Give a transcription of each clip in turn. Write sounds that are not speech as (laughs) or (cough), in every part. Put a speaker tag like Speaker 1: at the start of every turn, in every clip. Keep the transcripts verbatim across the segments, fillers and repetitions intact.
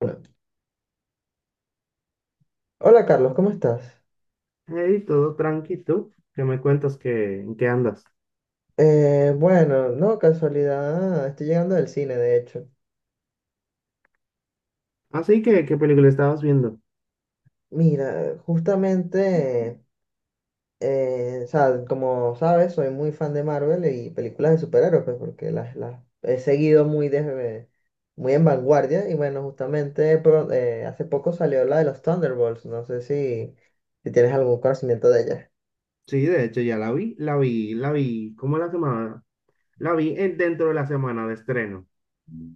Speaker 1: Bueno, hola Carlos, ¿cómo estás?
Speaker 2: Hey, todo tranqui, ¿tú? ¿Qué me cuentas que en qué andas?
Speaker 1: Eh, bueno, no, casualidad, estoy llegando del cine, de hecho.
Speaker 2: Así que, ¿qué película estabas viendo?
Speaker 1: Mira, justamente, eh, o sea, como sabes, soy muy fan de Marvel y películas de superhéroes, pues, porque las, las he seguido muy, de, muy en vanguardia. Y bueno, justamente pro- eh, hace poco salió la de los Thunderbolts, no sé si, si tienes algún conocimiento de ella.
Speaker 2: Sí, de hecho ya la vi, la vi, la vi, ¿cómo la semana? La vi en- dentro de la semana de estreno.
Speaker 1: Mm.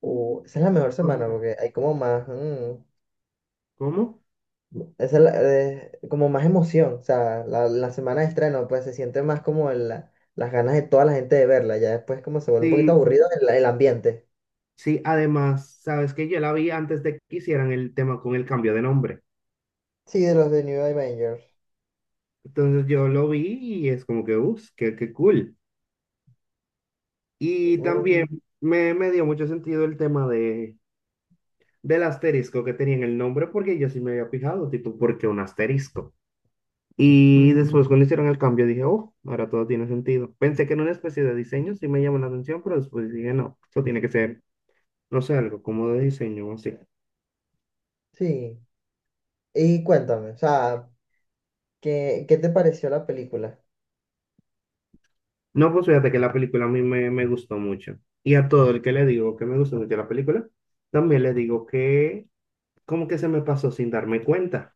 Speaker 1: Uh, esa es la mejor
Speaker 2: O
Speaker 1: semana
Speaker 2: sea,
Speaker 1: porque hay como más. mm,
Speaker 2: ¿cómo?
Speaker 1: Esa es la- eh, como más emoción, o sea, la, la semana de estreno, pues se siente más como el- la- las ganas de toda la gente de verla, ya después como se vuelve un poquito
Speaker 2: Sí,
Speaker 1: aburrido el, el ambiente.
Speaker 2: sí, además, sabes que yo la vi antes de que hicieran el tema con el cambio de nombre.
Speaker 1: Sí, de los de New Avengers.
Speaker 2: Entonces yo lo vi y es como que, uff, qué, qué cool. Y
Speaker 1: No,
Speaker 2: también Ujú. me, me dio mucho sentido el tema de, del asterisco que tenía en el nombre porque yo sí me había fijado, tipo, ¿por qué un asterisco? Y después cuando hicieron el cambio dije, oh, ahora todo tiene sentido. Pensé que en una especie de diseño sí me llamó la atención, pero después dije, no, esto tiene que ser, no sé, algo como de diseño o así.
Speaker 1: sí, y cuéntame, o sea, ¿qué, qué te pareció la película?
Speaker 2: No, pues fíjate que la película a mí me, me gustó mucho. Y a todo el que le digo que me gustó mucho la película, también le digo que como que se me pasó sin darme cuenta.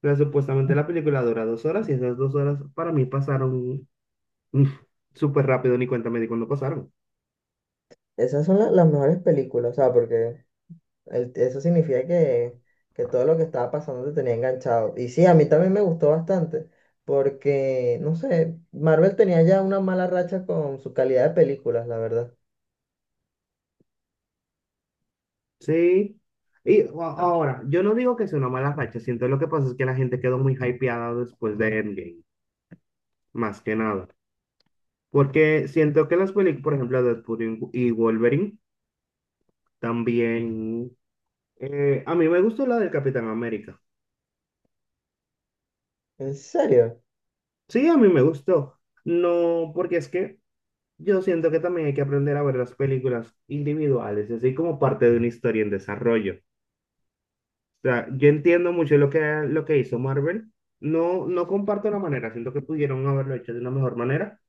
Speaker 2: Pero supuestamente la película dura dos horas y esas dos horas para mí pasaron mm, súper rápido, ni cuenta me di cuando pasaron.
Speaker 1: Esas son la- las mejores películas, o sea, porque el- eso significa que, que todo lo que estaba pasando te tenía enganchado. Y sí, a mí también me gustó bastante, porque, no sé, Marvel tenía ya una mala racha con su calidad de películas, la verdad.
Speaker 2: Sí. Y a- Ahora, yo no digo que sea una mala racha, siento lo que pasa es que la gente quedó muy hypeada después de Endgame, más que nada. Porque siento que las películas, por ejemplo, Deadpool y y Wolverine, también... eh, a mí me gustó la del Capitán América.
Speaker 1: ¿En serio?
Speaker 2: Sí, a mí me gustó. No, porque es que yo siento que también hay que aprender a ver las películas individuales, así como parte de una historia en desarrollo. O sea, yo entiendo mucho lo que, lo que hizo Marvel. No, no comparto la manera, siento que pudieron haberlo hecho de una mejor manera.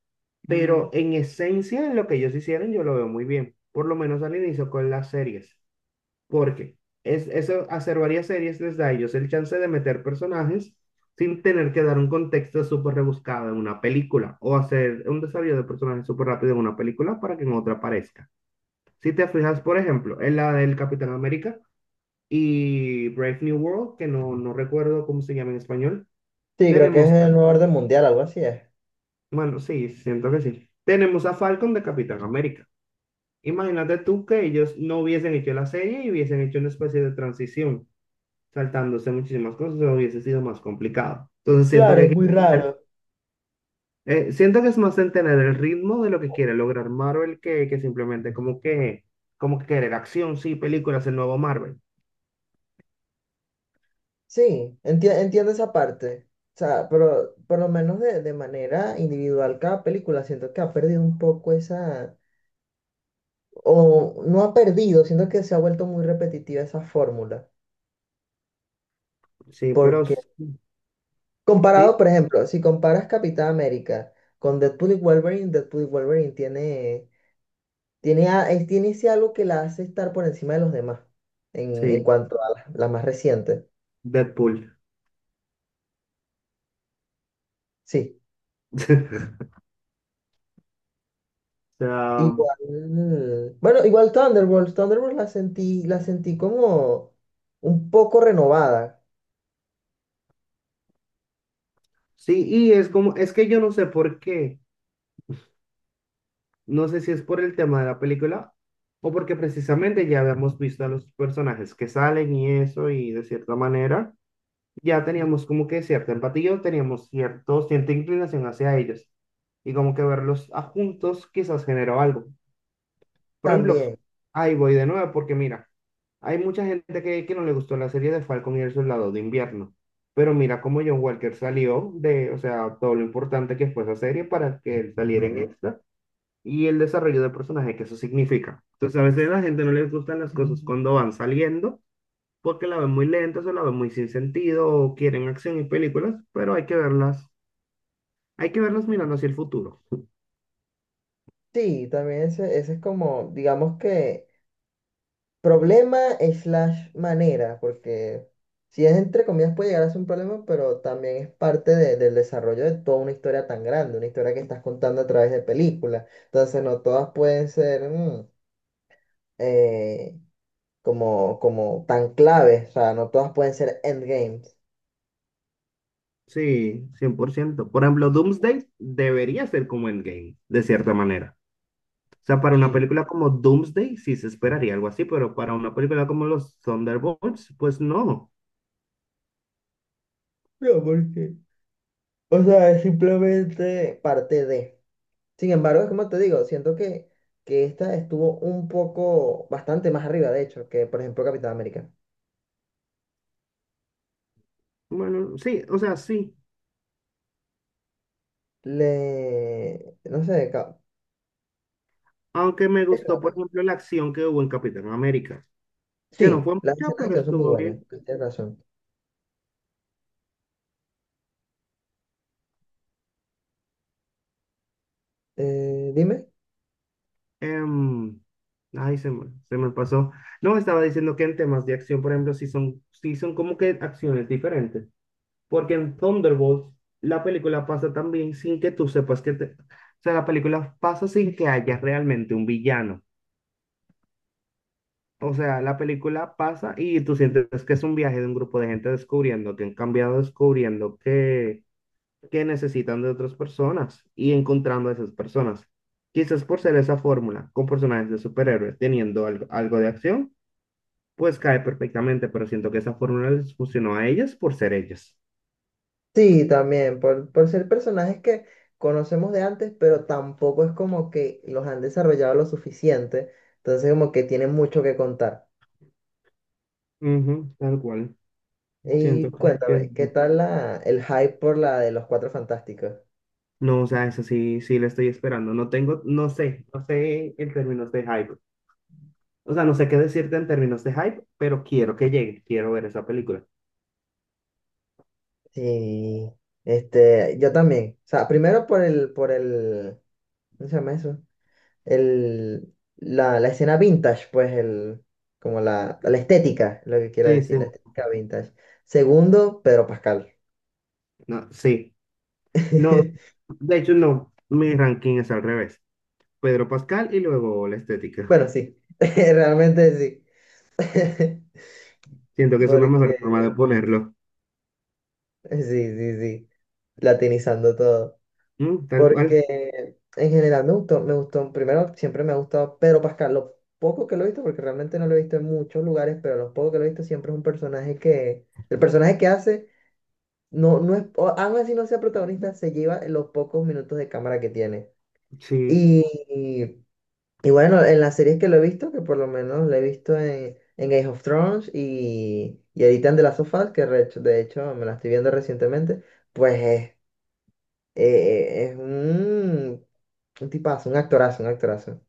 Speaker 2: Mm, pero en esencia, en lo que ellos hicieron, yo lo veo muy bien, por lo menos al inicio con las series, porque es, eso, hacer varias series les da a ellos el chance de meter personajes sin tener que dar un contexto súper rebuscado en una película o hacer un desarrollo de personajes súper rápido en una película para que en otra aparezca. Si te fijas, por ejemplo, en la del Capitán América y Brave New World, que no, no recuerdo cómo se llama en español.
Speaker 1: Sí, creo que es
Speaker 2: Tenemos,
Speaker 1: el nuevo orden mundial, algo así es.
Speaker 2: bueno, sí, siento que sí. Tenemos a Falcon de Capitán América. Imagínate tú que ellos no hubiesen hecho la serie y hubiesen hecho una especie de transición, saltándose muchísimas cosas, o hubiese sido más complicado. Entonces siento que,
Speaker 1: Claro,
Speaker 2: hay
Speaker 1: es
Speaker 2: que
Speaker 1: muy
Speaker 2: entender-
Speaker 1: raro.
Speaker 2: eh, siento que es más en tener el ritmo de lo que quiere lograr Marvel que, que simplemente como que, como que querer acción, sí, películas, el nuevo Marvel.
Speaker 1: Sí, enti- entiendo esa parte. O sea, pero por lo menos de, de manera individual cada película siento que ha perdido un poco esa, o no ha perdido, siento que se ha vuelto muy repetitiva esa fórmula.
Speaker 2: Sí, pero s- sí,
Speaker 1: Comparado, por ejemplo, si comparas Capitán América con Deadpool y Wolverine, Deadpool y Wolverine tiene, tiene, a- es- tiene ese algo que la hace estar por encima de los demás en, en
Speaker 2: sí,
Speaker 1: cuanto a la, la más reciente.
Speaker 2: Deadpool.
Speaker 1: Sí,
Speaker 2: (laughs) sea,
Speaker 1: igual. Bueno, igual Thunderbolts. Thunderbolts la sentí, la sentí como un poco renovada
Speaker 2: sí, y es como, es que yo no sé por qué, no sé si es por el tema de la película o porque precisamente ya habíamos visto a los personajes que salen y eso, y de cierta manera ya teníamos como que cierta empatía, o teníamos cierto, cierta inclinación hacia ellos, y como que verlos a juntos quizás generó algo. Por ejemplo,
Speaker 1: también.
Speaker 2: ahí voy de nuevo porque mira, hay mucha gente que, que no le gustó la serie de Falcon y el Soldado de Invierno, pero mira cómo John Walker salió de, o sea, todo lo importante que fue esa serie para que él saliera en esta y el desarrollo del personaje que eso significa. Entonces a veces a la gente no les gustan las cosas cuando van saliendo porque la ven muy lenta, o la ven muy sin sentido, o quieren acción y películas, pero hay que verlas, hay que verlas mirando hacia el futuro.
Speaker 1: Sí, también ese, ese es como, digamos que problema slash manera, porque si es entre comillas puede llegar a ser un problema, pero también es parte de- del desarrollo de toda una historia tan grande, una historia que estás contando a través de películas. Entonces no todas pueden ser mm, eh, como, como tan claves, o sea, no todas pueden ser endgames.
Speaker 2: Sí, cien por ciento. Por ciento. Por ejemplo, Doomsday debería ser como Endgame, de cierta manera. O sea, para una
Speaker 1: Sí.
Speaker 2: película como Doomsday sí se esperaría algo así, pero para una película como los Thunderbolts, pues no.
Speaker 1: No, porque, o sea, es simplemente parte de. Sin embargo, es como te digo, siento que, que esta estuvo un poco, bastante más arriba, de hecho, que por ejemplo Capitán América.
Speaker 2: Bueno, sí, o sea, sí.
Speaker 1: Le, no sé, ca-
Speaker 2: Aunque me
Speaker 1: Es
Speaker 2: gustó, por
Speaker 1: raro.
Speaker 2: ejemplo, la acción que hubo en Capitán América, que no
Speaker 1: Sí,
Speaker 2: fue
Speaker 1: las
Speaker 2: mucha,
Speaker 1: escenas de
Speaker 2: pero
Speaker 1: acción son muy
Speaker 2: estuvo
Speaker 1: buenas,
Speaker 2: bien.
Speaker 1: tienes razón. Eh, dime.
Speaker 2: Em, ay, se me, se me pasó. No, estaba diciendo que en temas de acción, por ejemplo, sí son, sí son como que acciones diferentes. Porque en Thunderbolts la película pasa también sin que tú sepas que te... O sea, la película pasa sin que haya realmente un villano. O sea, la película pasa y tú sientes que es un viaje de un grupo de gente descubriendo que han cambiado, descubriendo que, que necesitan de otras personas y encontrando a esas personas. Quizás por ser esa fórmula, con personajes de superhéroes teniendo algo, algo de acción, pues cae perfectamente, pero siento que esa fórmula les funcionó a ellas por ser ellas.
Speaker 1: Sí, también, por, por ser personajes que conocemos de antes, pero tampoco es como que los han desarrollado lo suficiente, entonces como que tienen mucho que contar.
Speaker 2: Ujú, tal cual. Siento
Speaker 1: Y
Speaker 2: que... que-
Speaker 1: cuéntame, ¿qué tal la, el hype por la de los Cuatro Fantásticos?
Speaker 2: No, o sea, eso sí, sí lo estoy esperando. No tengo, no sé, no sé en términos de hype. O sea, no sé qué decirte en términos de hype, pero quiero que llegue, quiero ver esa película.
Speaker 1: Sí, este, yo también. O sea, primero por el, por el, ¿cómo se llama eso? El, la, la escena vintage, pues el, como la, la estética, lo que quiero
Speaker 2: Sí, sí,
Speaker 1: decir, la estética vintage. Segundo, Pedro Pascal.
Speaker 2: no, sí. No,
Speaker 1: (laughs)
Speaker 2: de hecho, no, mi ranking es al revés. Pedro Pascal y luego la estética.
Speaker 1: Bueno, sí, (laughs) realmente sí. (laughs)
Speaker 2: Siento que es una
Speaker 1: Porque,
Speaker 2: mejor forma de ponerlo.
Speaker 1: sí, sí, sí, latinizando todo.
Speaker 2: Mm, tal cual,
Speaker 1: Porque en general me gustó, me gustó, primero siempre me ha gustado Pedro Pascal, lo poco que lo he visto, porque realmente no lo he visto en muchos lugares, pero lo poco que lo he visto siempre es un personaje que, el personaje que hace no, no es, o- aún así no sea protagonista, se lleva los pocos minutos de cámara que tiene.
Speaker 2: sí.
Speaker 1: Y, y, y bueno, en las series que lo he visto, que por lo menos lo he visto en, en Game of Thrones y, y ahorita en The Last of Us, que re- de hecho me la estoy viendo recientemente, pues es, eh, es un, un tipazo, un actorazo, un actorazo.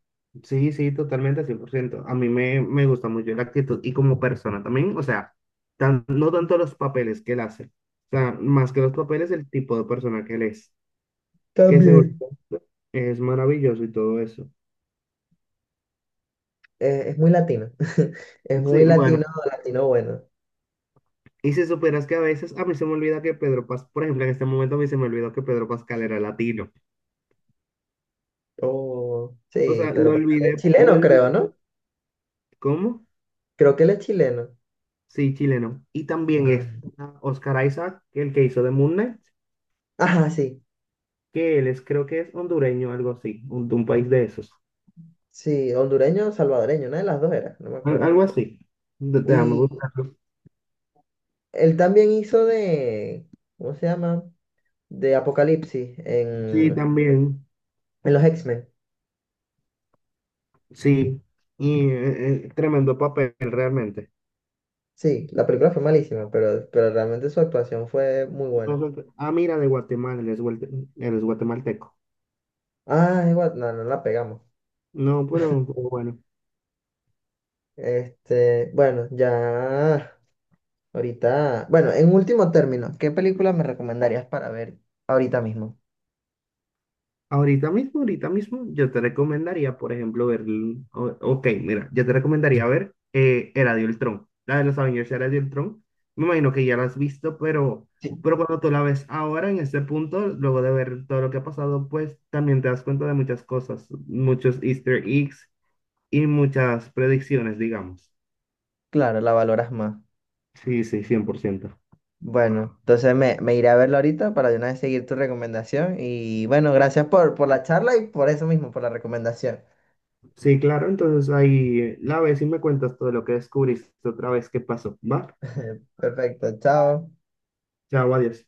Speaker 2: Sí, sí, totalmente, cien por ciento. A mí me, me gusta mucho la actitud y como persona también, o sea, tan- no tanto los papeles que él hace, o sea, más que los papeles, el tipo de persona que él es, que seguro
Speaker 1: También.
Speaker 2: es maravilloso y todo eso.
Speaker 1: Eh, es muy latino, (laughs) es muy
Speaker 2: Sí,
Speaker 1: latino,
Speaker 2: bueno,
Speaker 1: latino bueno.
Speaker 2: y si supieras que a veces a mí se me olvida que Pedro Pascal, por ejemplo, en este momento a mí se me olvidó que Pedro Pascal era latino,
Speaker 1: Oh,
Speaker 2: o
Speaker 1: sí,
Speaker 2: sea,
Speaker 1: pero
Speaker 2: lo
Speaker 1: Pascal es
Speaker 2: olvidé, lo
Speaker 1: chileno creo,
Speaker 2: olvidé.
Speaker 1: ¿no?
Speaker 2: ¿Cómo?
Speaker 1: Creo que él es chileno.
Speaker 2: Sí, chileno. Y también es Oscar Isaac, el que hizo de Moon Knight.
Speaker 1: Ajá, sí,
Speaker 2: Que él es, creo que es hondureño, algo así, un, de un país de esos.
Speaker 1: sí, hondureño o salvadoreño, una de las dos era, no me
Speaker 2: Al-
Speaker 1: acuerdo.
Speaker 2: algo así. De- Déjame
Speaker 1: Y
Speaker 2: buscarlo.
Speaker 1: él también hizo de, ¿cómo se llama? De Apocalipsis
Speaker 2: Sí,
Speaker 1: en,
Speaker 2: también,
Speaker 1: en los X-Men.
Speaker 2: sí, y eh, eh, tremendo papel realmente.
Speaker 1: Sí, la película fue malísima, pero, pero realmente su actuación fue muy buena.
Speaker 2: Entonces, ah, mira, de Guatemala, él es, guate- él es guatemalteco.
Speaker 1: Ah, igual, no, no la pegamos.
Speaker 2: No, pero pero bueno.
Speaker 1: Este, bueno, ya ahorita, bueno, en último término, ¿qué película me recomendarías para ver ahorita mismo?
Speaker 2: Ahorita mismo, ahorita mismo, yo te recomendaría, por ejemplo, ver, l- o- ok, mira, yo te recomendaría ver eh, Era de Ultron, la de los Avengers Era de Ultron. Me imagino que ya la has visto, pero,
Speaker 1: Sí.
Speaker 2: pero cuando tú la ves ahora, en este punto, luego de ver todo lo que ha pasado, pues también te das cuenta de muchas cosas, muchos Easter eggs y muchas predicciones, digamos.
Speaker 1: Claro, la valoras más.
Speaker 2: Sí, sí, cien por ciento.
Speaker 1: Bueno, entonces me, me iré a verlo ahorita para de una vez seguir tu recomendación. Y bueno, gracias por, por la charla y por eso mismo, por la recomendación.
Speaker 2: Sí, claro, entonces ahí eh, la ves y me cuentas todo lo que descubriste otra vez, qué pasó, ¿va?
Speaker 1: Perfecto, chao.
Speaker 2: Chao, adiós.